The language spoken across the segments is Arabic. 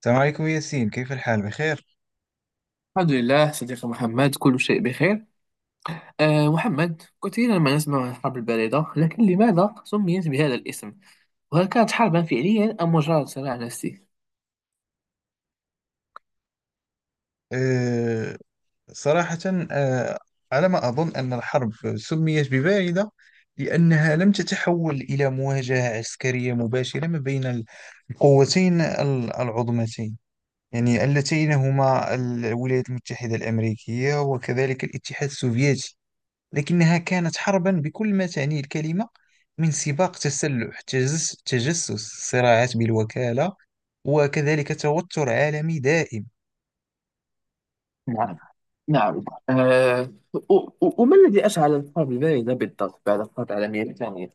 السلام عليكم ياسين، كيف الحال؟ بخير؟ الحمد لله صديقي محمد، كل شيء بخير. محمد، كثيرا ما نسمع عن الحرب الباردة، لكن لماذا سميت بهذا الاسم؟ وهل كانت حربا فعليا أم مجرد صراع نفسي؟ أه صراحة أه على ما أظن أن الحرب سميت بباعدة لأنها لم تتحول إلى مواجهة عسكرية مباشرة ما بين القوتين العظمتين، يعني اللتين هما الولايات المتحدة الأمريكية وكذلك الاتحاد السوفيتي. لكنها كانت حربا بكل ما تعنيه الكلمة، من سباق تسلح، تجسس، صراعات بالوكالة، وكذلك توتر عالمي دائم. نعم. نعم، وما الذي أشعل الحرب الباردة بالضبط بعد الحرب العالمية الثانية؟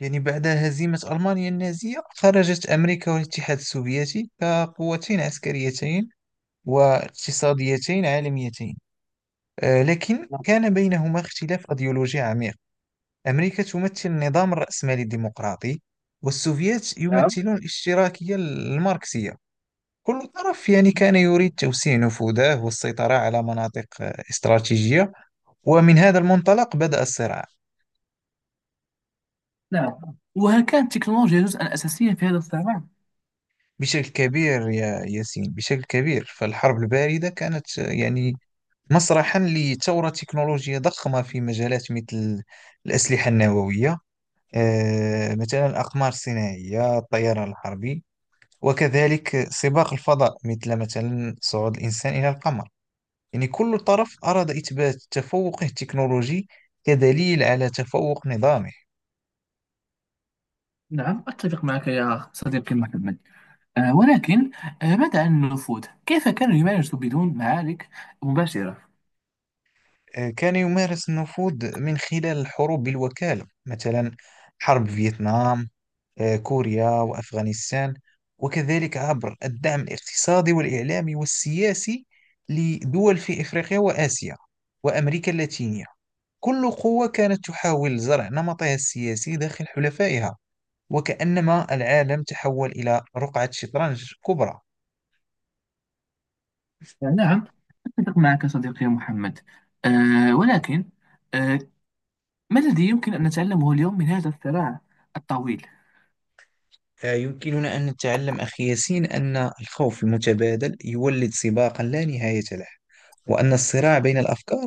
يعني بعد هزيمة ألمانيا النازية خرجت أمريكا والاتحاد السوفيتي كقوتين عسكريتين واقتصاديتين عالميتين، لكن نعم. كان بينهما اختلاف أيديولوجي عميق. أمريكا تمثل النظام الرأسمالي الديمقراطي، والسوفيات نعم. يمثلون الاشتراكية الماركسية. كل طرف يعني كان يريد توسيع نفوذه والسيطرة على مناطق استراتيجية، ومن هذا المنطلق بدأ الصراع. نعم، وهل كانت التكنولوجيا جزءا أساسيا في هذا الصراع؟ بشكل كبير يا ياسين، بشكل كبير. فالحرب الباردة كانت يعني مسرحا لثورة تكنولوجية ضخمة في مجالات مثل الأسلحة النووية، مثلا الأقمار الصناعية، الطيران الحربي، وكذلك سباق الفضاء، مثل مثلا صعود الإنسان إلى القمر. يعني كل طرف أراد إثبات تفوقه التكنولوجي كدليل على تفوق نظامه. نعم، أتفق معك يا صديقي محمد. ولكن، ماذا عن النفوذ؟ كيف كانوا يمارسوا بدون معارك مباشرة؟ كان يمارس النفوذ من خلال الحروب بالوكالة، مثلا حرب فيتنام، كوريا وأفغانستان، وكذلك عبر الدعم الاقتصادي والإعلامي والسياسي لدول في إفريقيا وآسيا وأمريكا اللاتينية. كل قوة كانت تحاول زرع نمطها السياسي داخل حلفائها، وكأنما العالم تحول إلى رقعة شطرنج كبرى. يعني نعم، أتفق معك صديقي يا محمد. ولكن، أه ما الذي يمكن أن نتعلمه اليوم من هذا الصراع الطويل؟ يمكننا أن نتعلم، أخي ياسين، أن الخوف المتبادل يولد سباقا لا نهاية له، وأن الصراع بين الأفكار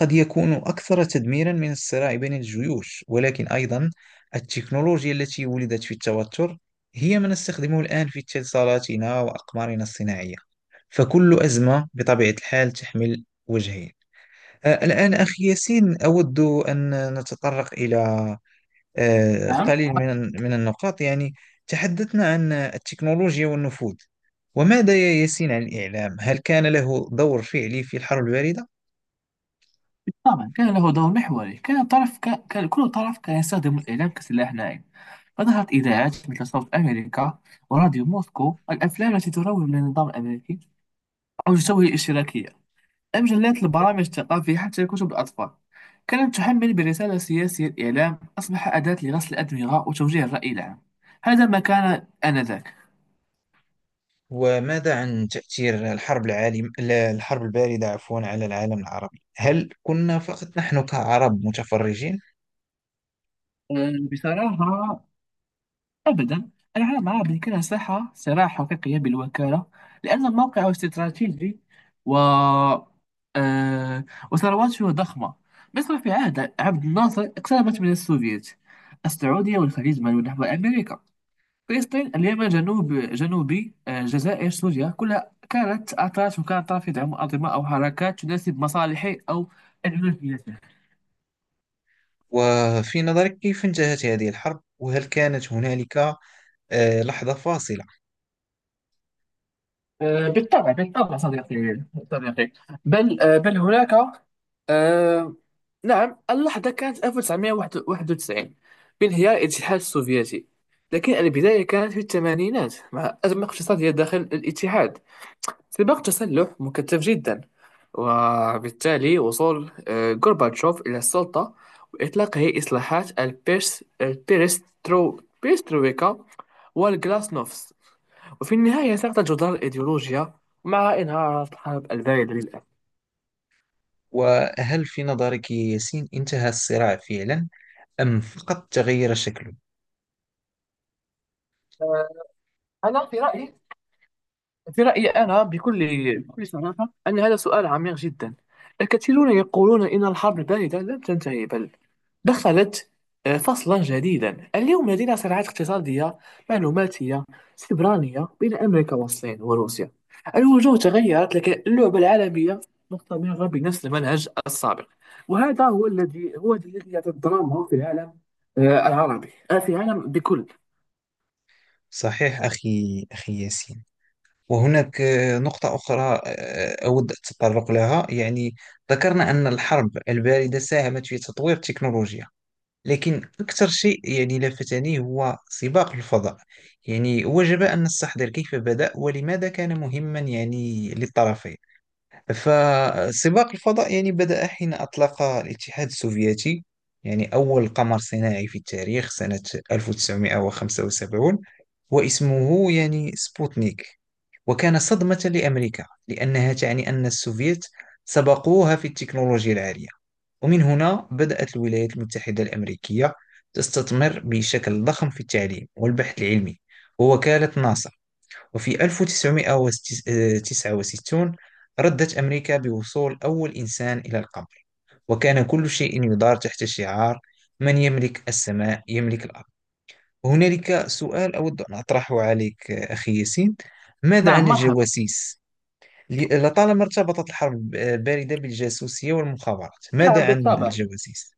قد يكون أكثر تدميرا من الصراع بين الجيوش، ولكن أيضا التكنولوجيا التي ولدت في التوتر هي ما نستخدمه الآن في اتصالاتنا وأقمارنا الصناعية. فكل أزمة بطبيعة الحال تحمل وجهين. الآن أخي ياسين، أود أن نتطرق إلى نعم. قليل من النقاط. يعني تحدثنا عن التكنولوجيا والنفوذ، وماذا يا ياسين عن الإعلام؟ هل كان له دور فعلي في الحرب الباردة؟ طبعا كان له دور محوري. كان كل طرف كان يستخدم الإعلام كسلاح ناعم، فظهرت إذاعات مثل صوت أمريكا وراديو موسكو، الأفلام التي تروج للنظام الأمريكي أو تسوي الاشتراكية، مجلات البرامج الثقافية، حتى كتب الأطفال كانت تحمل برسالة سياسية. الإعلام أصبح أداة لغسل الأدمغة وتوجيه الرأي العام، هذا ما كان آنذاك. وماذا عن تأثير الحرب العالم لا، الحرب الباردة، عفوا، على العالم العربي؟ هل كنا فقط نحن كعرب متفرجين؟ بصراحة أبدا، أنا مع بأن كان ساحة صراع حقيقية بالوكالة، لأن موقعه استراتيجي و أه، وثرواته ضخمة. مصر في عهد عبد الناصر اقتربت من السوفيت، السعودية والخليج مالوا نحو أمريكا، فلسطين اليمن جنوب جنوبي الجزائر سوريا، كلها كانت أطراف، وكانت طرف يدعم أنظمة أو حركات تناسب مصالحه أو أنانيته. وفي نظرك كيف انتهت هذه الحرب؟ وهل كانت هنالك لحظة فاصلة؟ بالطبع بالطبع صديقي، صديقي، بل هناك، آه، نعم، اللحظة كانت 1991 بانهيار الاتحاد السوفيتي. لكن البداية كانت في الثمانينات مع أزمة اقتصادية داخل الاتحاد، سباق تسلح مكثف جدا، وبالتالي وصول غورباتشوف إلى السلطة وإطلاقه إصلاحات البيرس البيرسترو بيرسترويكا والغلاسنوفس. وفي النهاية سقطت جدار الإيديولوجيا مع انهيار الحرب الباردة للأسف. وهل في نظرك يا ياسين انتهى الصراع فعلا أم فقط تغير شكله؟ آه، أنا في رأيي، أنا بكل بكل صراحة أن هذا سؤال عميق جدا. الكثيرون يقولون إن الحرب الباردة لم تنتهي، بل دخلت فصلا جديدا. اليوم لدينا صراعات اقتصادية، معلوماتية، سبرانية بين أمريكا والصين وروسيا. الوجوه تغيرت لكن اللعبة العالمية مستمرة بنفس المنهج السابق. وهذا هو الذي هو الذي يعطي الدراما في العالم العربي، في العالم بكل. صحيح أخي ياسين، وهناك نقطة أخرى أود التطرق لها. يعني ذكرنا أن الحرب الباردة ساهمت في تطوير التكنولوجيا، لكن أكثر شيء يعني لفتني هو سباق الفضاء. يعني وجب أن نستحضر كيف بدأ ولماذا كان مهما يعني للطرفين. فسباق الفضاء يعني بدأ حين أطلق الاتحاد السوفيتي يعني أول قمر صناعي في التاريخ سنة 1975، واسمه يعني سبوتنيك، وكان صدمة لأمريكا لأنها تعني أن السوفيت سبقوها في التكنولوجيا العالية. ومن هنا بدأت الولايات المتحدة الأمريكية تستثمر بشكل ضخم في التعليم والبحث العلمي ووكالة ناسا، وفي 1969 ردت أمريكا بوصول أول إنسان إلى القمر، وكان كل شيء يدار تحت شعار: من يملك السماء يملك الأرض. هنالك سؤال أود أن أطرحه عليك أخي ياسين، ماذا نعم، عن مرحبا. الجواسيس؟ لطالما ارتبطت الحرب الباردة بالجاسوسية والمخابرات، نعم ماذا عن بالطبع. الجواسيس؟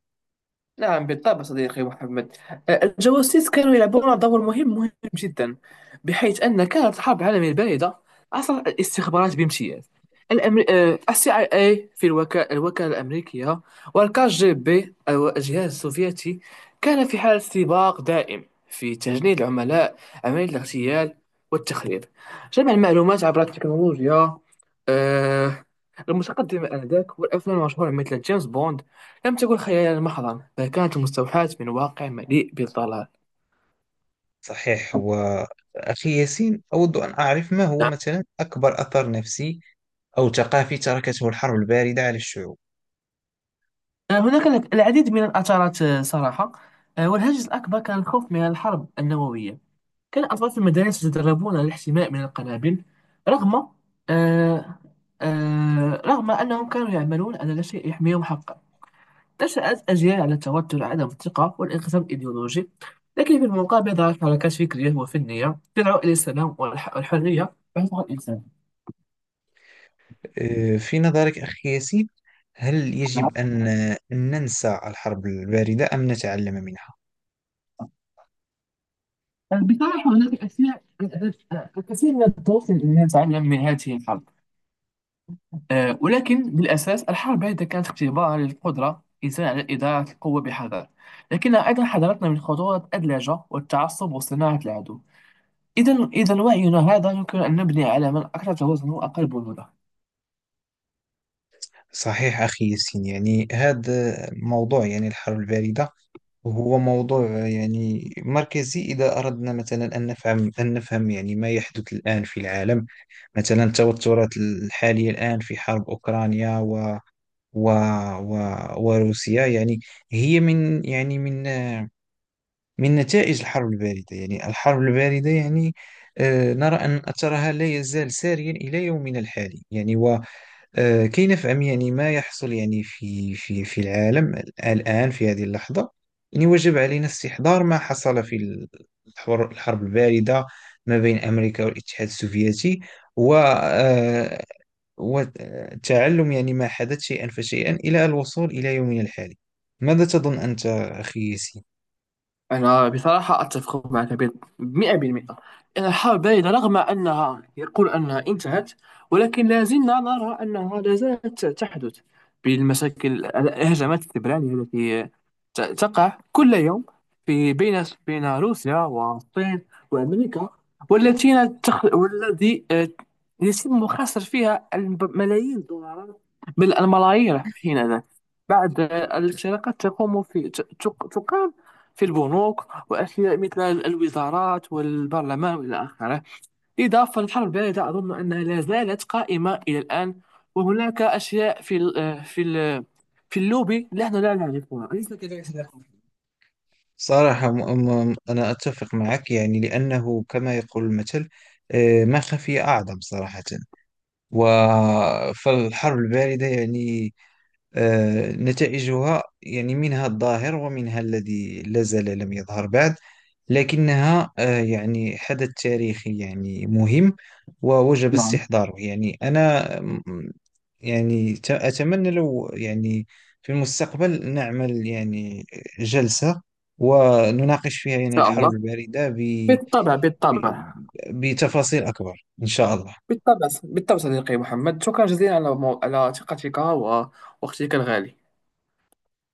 نعم بالطبع صديقي محمد. الجواسيس كانوا يلعبون دور مهم، مهم جدا، بحيث أن كانت الحرب العالمية الباردة عصر الاستخبارات بامتياز. الأمر... أه، السي اي اي في الوكالة، الوكالة الأمريكية، والكاج جي بي أو الجهاز السوفيتي، كان في حالة سباق دائم في تجنيد العملاء، عملية الاغتيال والتخريب، جمع المعلومات عبر التكنولوجيا آه، المتقدمة آنذاك. والأفلام المشهورة مثل جيمس بوند لم تكن خيالا محضا، بل كانت مستوحاة من واقع مليء بالضلال. صحيح. وأخي ياسين، أود أن أعرف ما هو نعم. مثلا أكبر أثر نفسي أو ثقافي تركته الحرب الباردة على الشعوب. هناك العديد من الآثارات صراحة. والهاجس الأكبر كان الخوف من الحرب النووية. كان الأطفال في المدارس يتدربون على الاحتماء من القنابل، رغم، آه، رغم أنهم كانوا يعملون على لا شيء يحميهم حقا. نشأت أجيال على التوتر، عدم الثقة والانقسام الإيديولوجي. لكن في المقابل ظهرت حركات فكرية وفنية تدعو إلى السلام والحرية بحيث الإنسان. في نظرك أخي ياسين، هل نعم. يجب أن ننسى الحرب الباردة أم نتعلم منها؟ بصراحة هناك أشياء، الكثير من الطرق التي نتعلم من هذه الحرب. ولكن بالأساس الحرب هذه كانت اختبار للقدرة الإنسان على إدارة القوة بحذر، لكنها أيضا حذرتنا من خطورة اللهجة والتعصب وصناعة العدو. إذا إذا وعينا هذا يمكن أن نبني على من أكثر توازنا وأقل بنودا. صحيح أخي ياسين. يعني هذا موضوع، يعني الحرب الباردة هو موضوع يعني مركزي، إذا أردنا مثلا أن نفهم أن نفهم يعني ما يحدث الآن في العالم. مثلا التوترات الحالية الآن في حرب أوكرانيا و و وروسيا يعني هي من يعني من نتائج الحرب الباردة. يعني الحرب الباردة يعني نرى أن أثرها لا يزال ساريا إلى يومنا الحالي، يعني. وكي نفهم يعني ما يحصل يعني في العالم الآن في هذه اللحظة، يعني وجب علينا استحضار ما حصل في الحرب الباردة ما بين أمريكا والاتحاد السوفيتي، و وتعلم يعني ما حدث شيئا فشيئا إلى الوصول إلى يومنا الحالي. ماذا تظن أنت أخي ياسين؟ أنا بصراحة أتفق معك 100%. إن الحرب باردة رغم أنها يقول أنها انتهت، ولكن لا زلنا نرى أنها لا زالت تحدث بالمشاكل، الهجمات السبرانية التي تقع كل يوم في بين روسيا والصين وأمريكا، والذي يتم خسر فيها ملايين الدولارات، بل الملايير حين ذاك، بعد الاشتراكات تقوم في تقام في البنوك وأشياء مثل الوزارات والبرلمان وإلى آخره. إضافة للحرب الباردة، أظن أنها لا زالت قائمة إلى الآن، وهناك أشياء في ال آه، في ال في اللوبي نحن لا نعرفها، أليس كذلك صديقي؟ صراحة، أنا أتفق معك، يعني لأنه كما يقول المثل، ما خفي أعظم. صراحة، فالحرب الباردة يعني نتائجها يعني منها الظاهر ومنها الذي لا زال لم يظهر بعد، لكنها يعني حدث تاريخي يعني مهم، ووجب نعم. استحضاره. يعني أنا يعني أتمنى لو يعني في المستقبل نعمل يعني جلسة ونناقش فيها إن يعني شاء الحرب الله، الباردة بالطبع ب... بالطبع. بتفاصيل أكبر، إن شاء الله. بالطبع بالطبع صديقي محمد، شكرا جزيلا على على ثقتك ووقتك الغالي.